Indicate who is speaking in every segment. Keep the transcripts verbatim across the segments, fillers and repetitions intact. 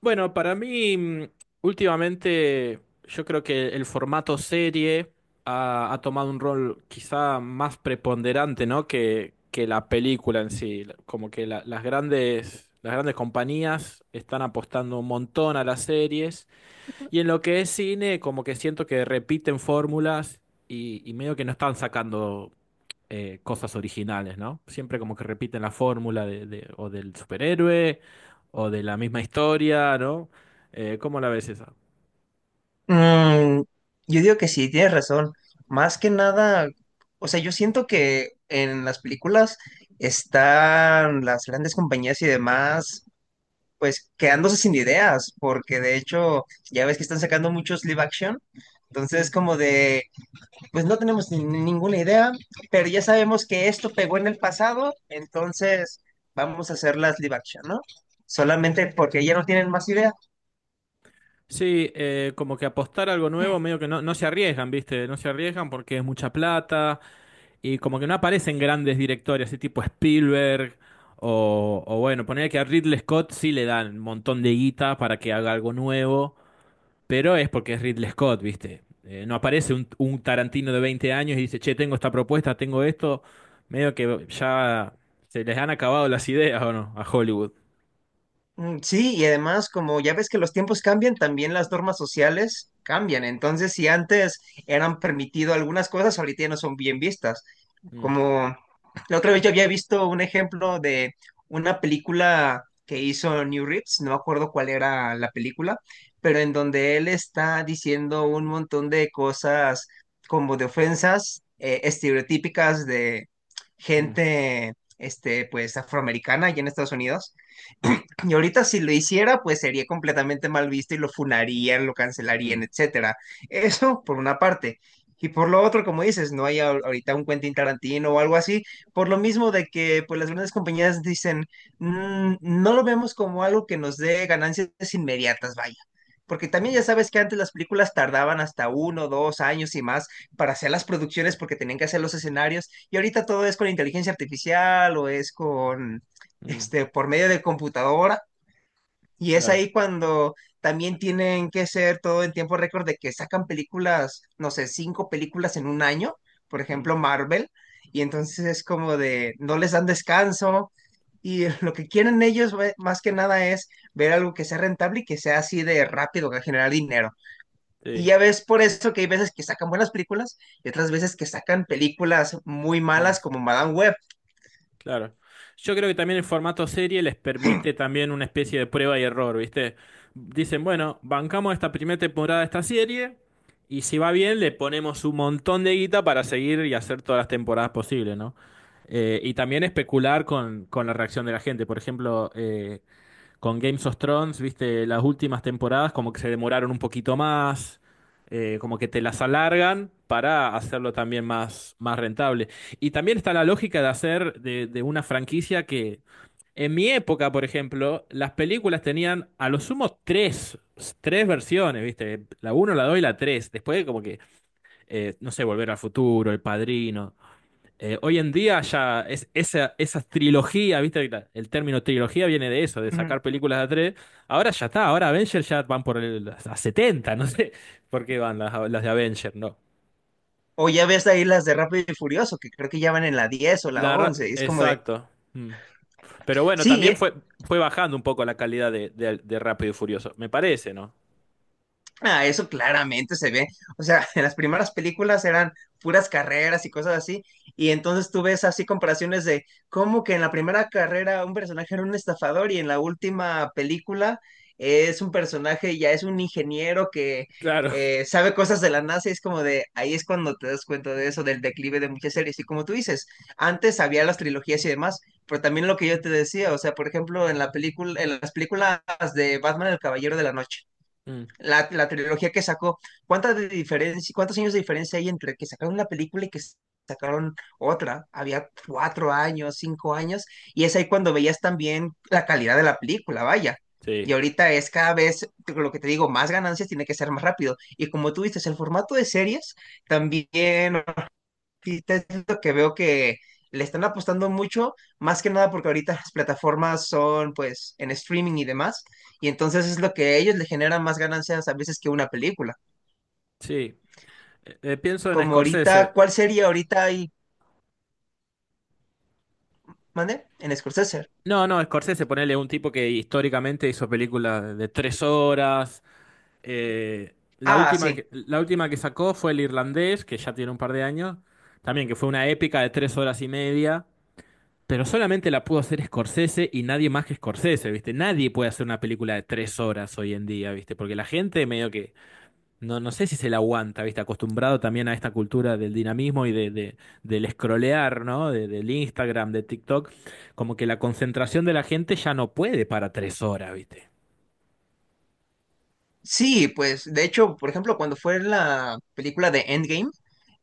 Speaker 1: Bueno, para mí, mm, últimamente, yo creo que el formato serie ha, ha tomado un rol quizá más preponderante, ¿no?, que, que la película en sí. Como que la- las grandes, las grandes compañías están apostando un montón a las series. Y en lo que es cine, como que siento que repiten fórmulas y, y medio que no están sacando eh, cosas originales, ¿no? Siempre como que repiten la fórmula de, de- o del superhéroe, o de la misma historia, ¿no? Eh, ¿cómo la ves esa?
Speaker 2: Mm, yo digo que sí, tienes razón. Más que nada, o sea, yo siento que en las películas están las grandes compañías y demás, pues quedándose sin ideas, porque de hecho ya ves que están sacando muchos live action. Entonces,
Speaker 1: Mm.
Speaker 2: como de, pues no tenemos ni- ni ninguna idea, pero ya sabemos que esto pegó en el pasado, entonces vamos a hacer las live action, ¿no? Solamente porque ya no tienen más ideas.
Speaker 1: Sí, eh, como que apostar a algo nuevo, medio que no, no se arriesgan, ¿viste? No se arriesgan porque es mucha plata, y como que no aparecen grandes directores, así tipo Spielberg, o, o bueno, poner que a Ridley Scott sí le dan un montón de guita para que haga algo nuevo. Pero es porque es Ridley Scott, ¿viste? Eh, no aparece un, un Tarantino de veinte años y dice, che, tengo esta propuesta, tengo esto. Medio que ya se les han acabado las ideas, ¿o no? A Hollywood.
Speaker 2: Mm, sí, y además, como ya ves que los tiempos cambian, también las normas sociales cambian. Entonces, si antes eran permitido algunas cosas, ahorita ya no son bien vistas.
Speaker 1: Mm.
Speaker 2: Como la otra vez yo había visto un ejemplo de una película que hizo New Reeves, no me acuerdo cuál era la película, pero en donde él está diciendo un montón de cosas como de ofensas eh, estereotípicas de
Speaker 1: Mm.
Speaker 2: gente, este, pues afroamericana allá en Estados Unidos. Y ahorita si lo hiciera, pues sería completamente mal visto y lo funarían, lo cancelarían,
Speaker 1: Mm.
Speaker 2: etcétera. Eso por una parte. Y por lo otro, como dices, no hay ahor- ahorita un Quentin Tarantino o algo así, por lo mismo de que pues las grandes compañías dicen, "Mm, no lo vemos como algo que nos dé ganancias inmediatas, vaya. Porque también
Speaker 1: Mm.
Speaker 2: ya sabes que antes las películas tardaban hasta uno, dos años y más para hacer las producciones porque tenían que hacer los escenarios y ahorita todo es con inteligencia artificial o es con,
Speaker 1: Mm.
Speaker 2: este, por medio de computadora y es
Speaker 1: Claro.
Speaker 2: ahí cuando también tienen que ser todo en tiempo récord de que sacan películas, no sé, cinco películas en un año, por
Speaker 1: Mm,
Speaker 2: ejemplo, Marvel, y entonces es como de, no les dan descanso, y lo que quieren ellos ve- más que nada es ver algo que sea rentable y que sea así de rápido, que generar dinero. Y
Speaker 1: sí.
Speaker 2: ya ves por eso que hay veces que sacan buenas películas y otras veces que sacan películas muy malas como Madame Web.
Speaker 1: Claro. Yo creo que también el formato serie les permite también una especie de prueba y error, ¿viste? Dicen, bueno, bancamos esta primera temporada de esta serie, y si va bien le ponemos un montón de guita para seguir y hacer todas las temporadas posibles, ¿no? Eh, y también especular con, con la reacción de la gente. Por ejemplo, eh, con Games of Thrones, viste, las últimas temporadas como que se demoraron un poquito más, eh, como que te las alargan para hacerlo también más, más rentable. Y también está la lógica de hacer de, de una franquicia que en mi época, por ejemplo, las películas tenían a lo sumo tres, tres versiones, viste, la uno la dos y la tres. Después como que, eh, no sé, Volver al Futuro, El Padrino. Eh, hoy en día ya es, esa, esa trilogía, ¿viste? La- El término trilogía viene de eso, de
Speaker 2: Ujú.
Speaker 1: sacar películas de a tres. Ahora ya está, ahora Avengers ya van por el, a setenta, no sé por qué van las, las de Avengers, ¿no?
Speaker 2: O ya ves ahí las de Rápido y Furioso, que creo que ya van en la diez o la
Speaker 1: La, ra-
Speaker 2: once y es como de,
Speaker 1: exacto. Mm. Pero bueno,
Speaker 2: sí,
Speaker 1: también
Speaker 2: y-
Speaker 1: fue, fue, bajando un poco la calidad de, de, de Rápido y Furioso, me parece, ¿no?
Speaker 2: ah, eso claramente se ve. O sea, en las primeras películas eran puras carreras y cosas así, y entonces tú ves así comparaciones de cómo que en la primera carrera un personaje era un estafador y en la última película es un personaje, ya es un ingeniero que
Speaker 1: Claro.
Speaker 2: eh, sabe cosas de la NASA y es como de, ahí es cuando te das cuenta de eso, del declive de muchas series. Y como tú dices, antes había las trilogías y demás, pero también lo que yo te decía, o sea, por ejemplo, en la película, en las películas de Batman, El Caballero de la Noche.
Speaker 1: Mm.
Speaker 2: La, la trilogía que sacó, ¿cuántas de diferencia, cuántos años de diferencia hay entre que sacaron la película y que sacaron otra? Había cuatro años, cinco años, y es ahí cuando veías también la calidad de la película, vaya. Y
Speaker 1: Sí,
Speaker 2: ahorita es cada vez, lo que te digo, más ganancias tiene que ser más rápido. Y como tú dices, el formato de series también, sí, te- es lo que veo que le están apostando mucho, más que nada porque ahorita las plataformas son pues en streaming y demás, y entonces es lo que a ellos le generan más ganancias a veces que una película.
Speaker 1: sí. Eh, eh, pienso en
Speaker 2: Como ahorita,
Speaker 1: Scorsese.
Speaker 2: ¿cuál sería ahorita ahí? ¿Mande? En Scorsese.
Speaker 1: No, no, Scorsese, ponele un tipo que históricamente hizo películas de tres horas. Eh, la
Speaker 2: Ah,
Speaker 1: última
Speaker 2: sí.
Speaker 1: que, la última que sacó fue el irlandés, que ya tiene un par de años, también que fue una épica de tres horas y media, pero solamente la pudo hacer Scorsese y nadie más que Scorsese, ¿viste? Nadie puede hacer una película de tres horas hoy en día, ¿viste? Porque la gente medio que, no, no sé si se la aguanta, ¿viste? Acostumbrado también a esta cultura del dinamismo y de, de- del scrollear, ¿no? De- del Instagram, de TikTok, como que la concentración de la gente ya no puede para tres horas, ¿viste?
Speaker 2: Sí, pues de hecho, por ejemplo, cuando fue la película de Endgame,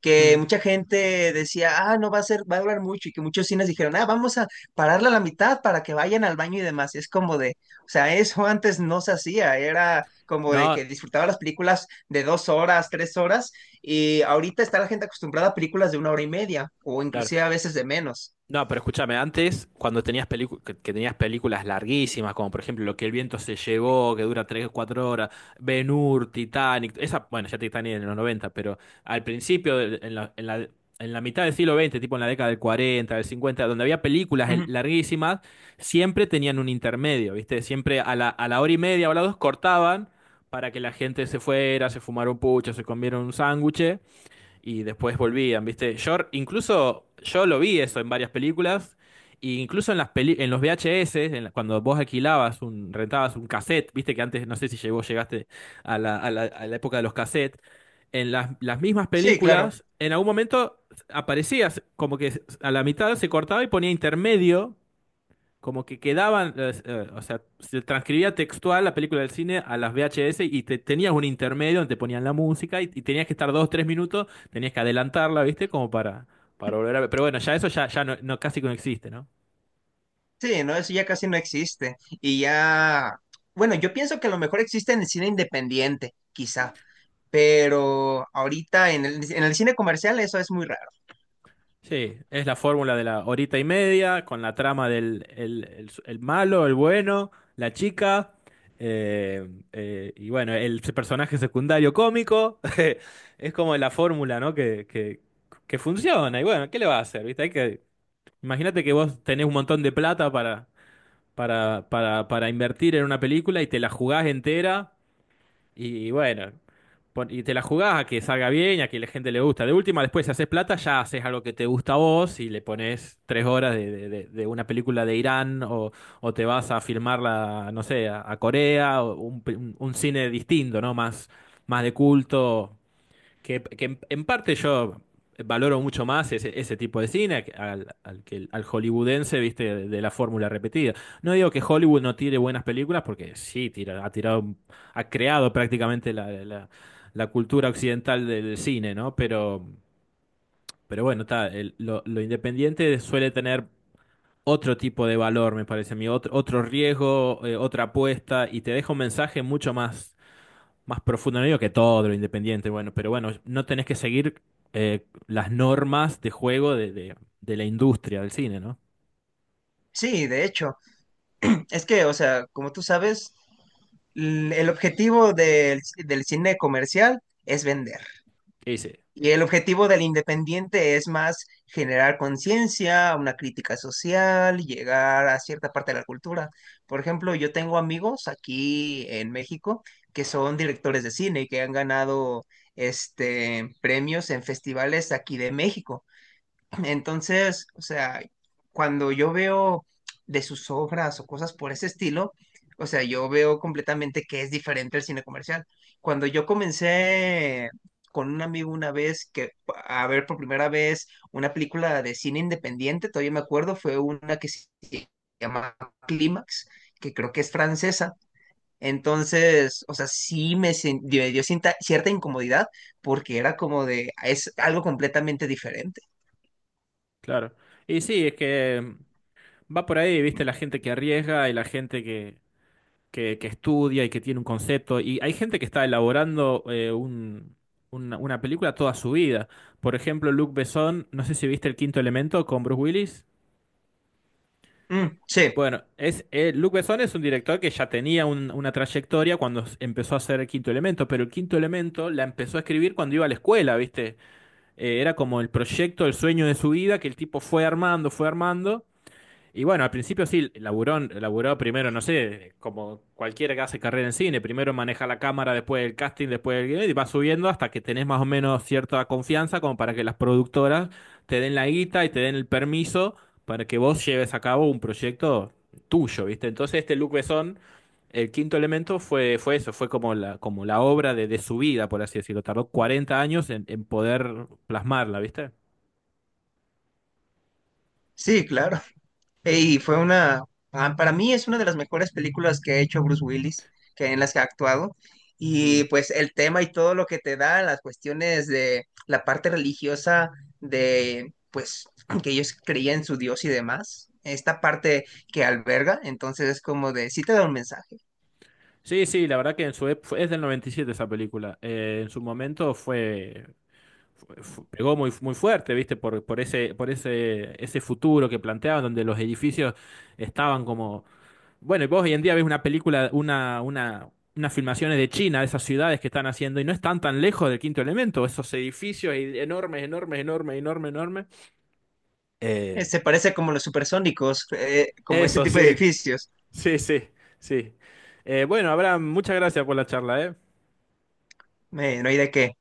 Speaker 2: que
Speaker 1: Mm.
Speaker 2: mucha gente decía, ah, no va a ser, va a durar mucho, y que muchos cines dijeron, ah, vamos a pararla a la mitad para que vayan al baño y demás. Y es como de, o sea, eso antes no se hacía, era como de
Speaker 1: No,
Speaker 2: que disfrutaba las películas de dos horas, tres horas, y ahorita está la gente acostumbrada a películas de una hora y media, o
Speaker 1: claro.
Speaker 2: inclusive a veces de menos.
Speaker 1: No, pero escúchame, antes, cuando tenías pelicu- que, que tenías películas larguísimas, como por ejemplo Lo que el viento se llevó, que dura tres o cuatro horas, Ben-Hur, Titanic, esa, bueno, ya Titanic en los noventa, pero al principio, del- en la, en la, en la mitad del siglo veinte, tipo en la década del cuarenta, del cincuenta, donde había películas el-
Speaker 2: Ujú.
Speaker 1: larguísimas, siempre tenían un intermedio, ¿viste? Siempre a la, a la, hora y media o a las dos cortaban para que la gente se fuera, se fumara un pucho, se comiera un sándwich y después volvían, ¿viste? Yo incluso yo lo vi eso en varias películas, e incluso en las peli- en los V H S, en la- cuando vos alquilabas un rentabas un cassette, ¿viste? Que antes no sé si llegó llegaste a la, a la, a la época de los cassettes. En las, las mismas
Speaker 2: Sí, claro.
Speaker 1: películas, en algún momento aparecías como que a la mitad se cortaba y ponía intermedio, como que quedaban, eh, eh, o sea, se transcribía textual la película del cine a las V H S y te, tenías un intermedio donde te ponían la música, y, y tenías que estar dos, tres minutos, tenías que adelantarla, ¿viste? Como para, para, volver a ver. Pero bueno, ya eso ya, ya, no, no- casi que no existe, ¿no?
Speaker 2: Sí, no, eso ya casi no existe. Y ya, bueno, yo pienso que a lo mejor existe en el cine independiente, quizá, pero ahorita en el, en el cine comercial eso es muy raro.
Speaker 1: Sí, es la fórmula de la horita y media, con la trama del el, el- el malo, el bueno, la chica, eh, eh, y bueno, el personaje secundario cómico. Es como la fórmula, ¿no? Que, que, que funciona. Y bueno, ¿qué le va a hacer? ¿Viste? Hay que, imagínate que vos tenés un montón de plata para, para, para, para invertir en una película y te la jugás entera, y bueno, pon- y te la jugás a que salga bien, a que la gente le gusta. De última, después si haces plata, ya haces algo que te gusta a vos y le pones tres horas de, de- de- de una película de Irán, o, o te vas a filmarla, no sé, a, a, Corea, o un, pe- un- un cine distinto, ¿no? Más, más de culto, que, que en parte yo valoro mucho más ese, ese tipo de cine al, al, que- al hollywoodense, viste, de, de la fórmula repetida. No digo que Hollywood no tire buenas películas, porque sí, tira, ha tirado, ha creado prácticamente la, la- la cultura occidental del cine, ¿no? Pero, pero, bueno, está, el- lo, lo independiente suele tener otro tipo de valor, me parece a mí, otro, otro riesgo, eh, otra apuesta, y te deja un mensaje mucho más más profundo, no digo que todo lo independiente, bueno, pero bueno, no tenés que seguir eh, las normas de juego de, de- de la industria del cine, ¿no?
Speaker 2: Sí, de hecho, es que, o sea, como tú sabes, l- el objetivo del, del cine comercial es vender.
Speaker 1: Y sí,
Speaker 2: Y el objetivo del independiente es más generar conciencia, una crítica social, llegar a cierta parte de la cultura. Por ejemplo, yo tengo amigos aquí en México que son directores de cine y que han ganado este premios en festivales aquí de México. Entonces, o sea, cuando yo veo de sus obras o cosas por ese estilo, o sea, yo veo completamente que es diferente el cine comercial. Cuando yo comencé con un amigo una vez que a ver por primera vez una película de cine independiente, todavía me acuerdo, fue una que se llama Clímax, que creo que es francesa entonces, o sea, sí me, sen- me dio cinta- cierta incomodidad porque era como de, es algo completamente diferente.
Speaker 1: claro. Y sí, es que mm, va por ahí, viste, la gente que arriesga y la gente que, que, que estudia y que tiene un concepto. Y hay gente que está elaborando eh, un- una, una, película toda su vida. Por ejemplo, Luc Besson, no sé si viste El Quinto Elemento con Bruce Willis.
Speaker 2: Mm, sí,
Speaker 1: Bueno, es, eh, Luc Besson es un director que ya tenía un- una trayectoria cuando s- empezó a hacer el Quinto Elemento, pero el Quinto Elemento la empezó a escribir cuando iba a la escuela, ¿viste? Eh, era como el proyecto, el sueño de su vida, que el tipo fue armando, fue armando, y bueno, al principio sí, laburó, laburó primero, no sé, como cualquiera que hace carrera en cine, primero maneja la cámara, después el casting, después el guion, y va subiendo hasta que tenés más o menos cierta confianza como para que las productoras te den la guita y te den el permiso para que vos lleves a cabo un proyecto tuyo, ¿viste? Entonces este Luc Besson, el quinto elemento, fue, fue, eso, fue como la, como la obra de, de su vida, por así decirlo. Tardó cuarenta años en, en poder plasmarla, ¿viste?
Speaker 2: sí, claro. Y fue una, ah, para mí es una de las mejores películas que ha hecho Bruce Willis, que en las que ha actuado. Y
Speaker 1: Mm.
Speaker 2: pues el tema y todo lo que te da, las cuestiones de la parte religiosa, de pues que ellos creían en su Dios y demás, esta parte que alberga, entonces es como de, sí te da un mensaje.
Speaker 1: Sí, sí, la verdad que en su ep- fue- es del noventa y siete esa película. Eh, en su momento fue, fue- fu- pegó muy, muy fuerte, ¿viste? Por, por ese, por ese, ese futuro que planteaban, donde los edificios estaban como. Bueno, y vos hoy en día ves una película, una, una, unas filmaciones de China, de esas ciudades que están haciendo, y no están tan lejos del Quinto Elemento, esos edificios y- enormes, enormes, enormes, enormes, enormes. Eh,
Speaker 2: Eh, se parece como los supersónicos, eh, como ese
Speaker 1: eso,
Speaker 2: tipo de
Speaker 1: sí,
Speaker 2: edificios.
Speaker 1: sí, sí, sí. Eh, bueno, Abraham, muchas gracias por la charla, ¿eh?
Speaker 2: Eh, no hay de qué.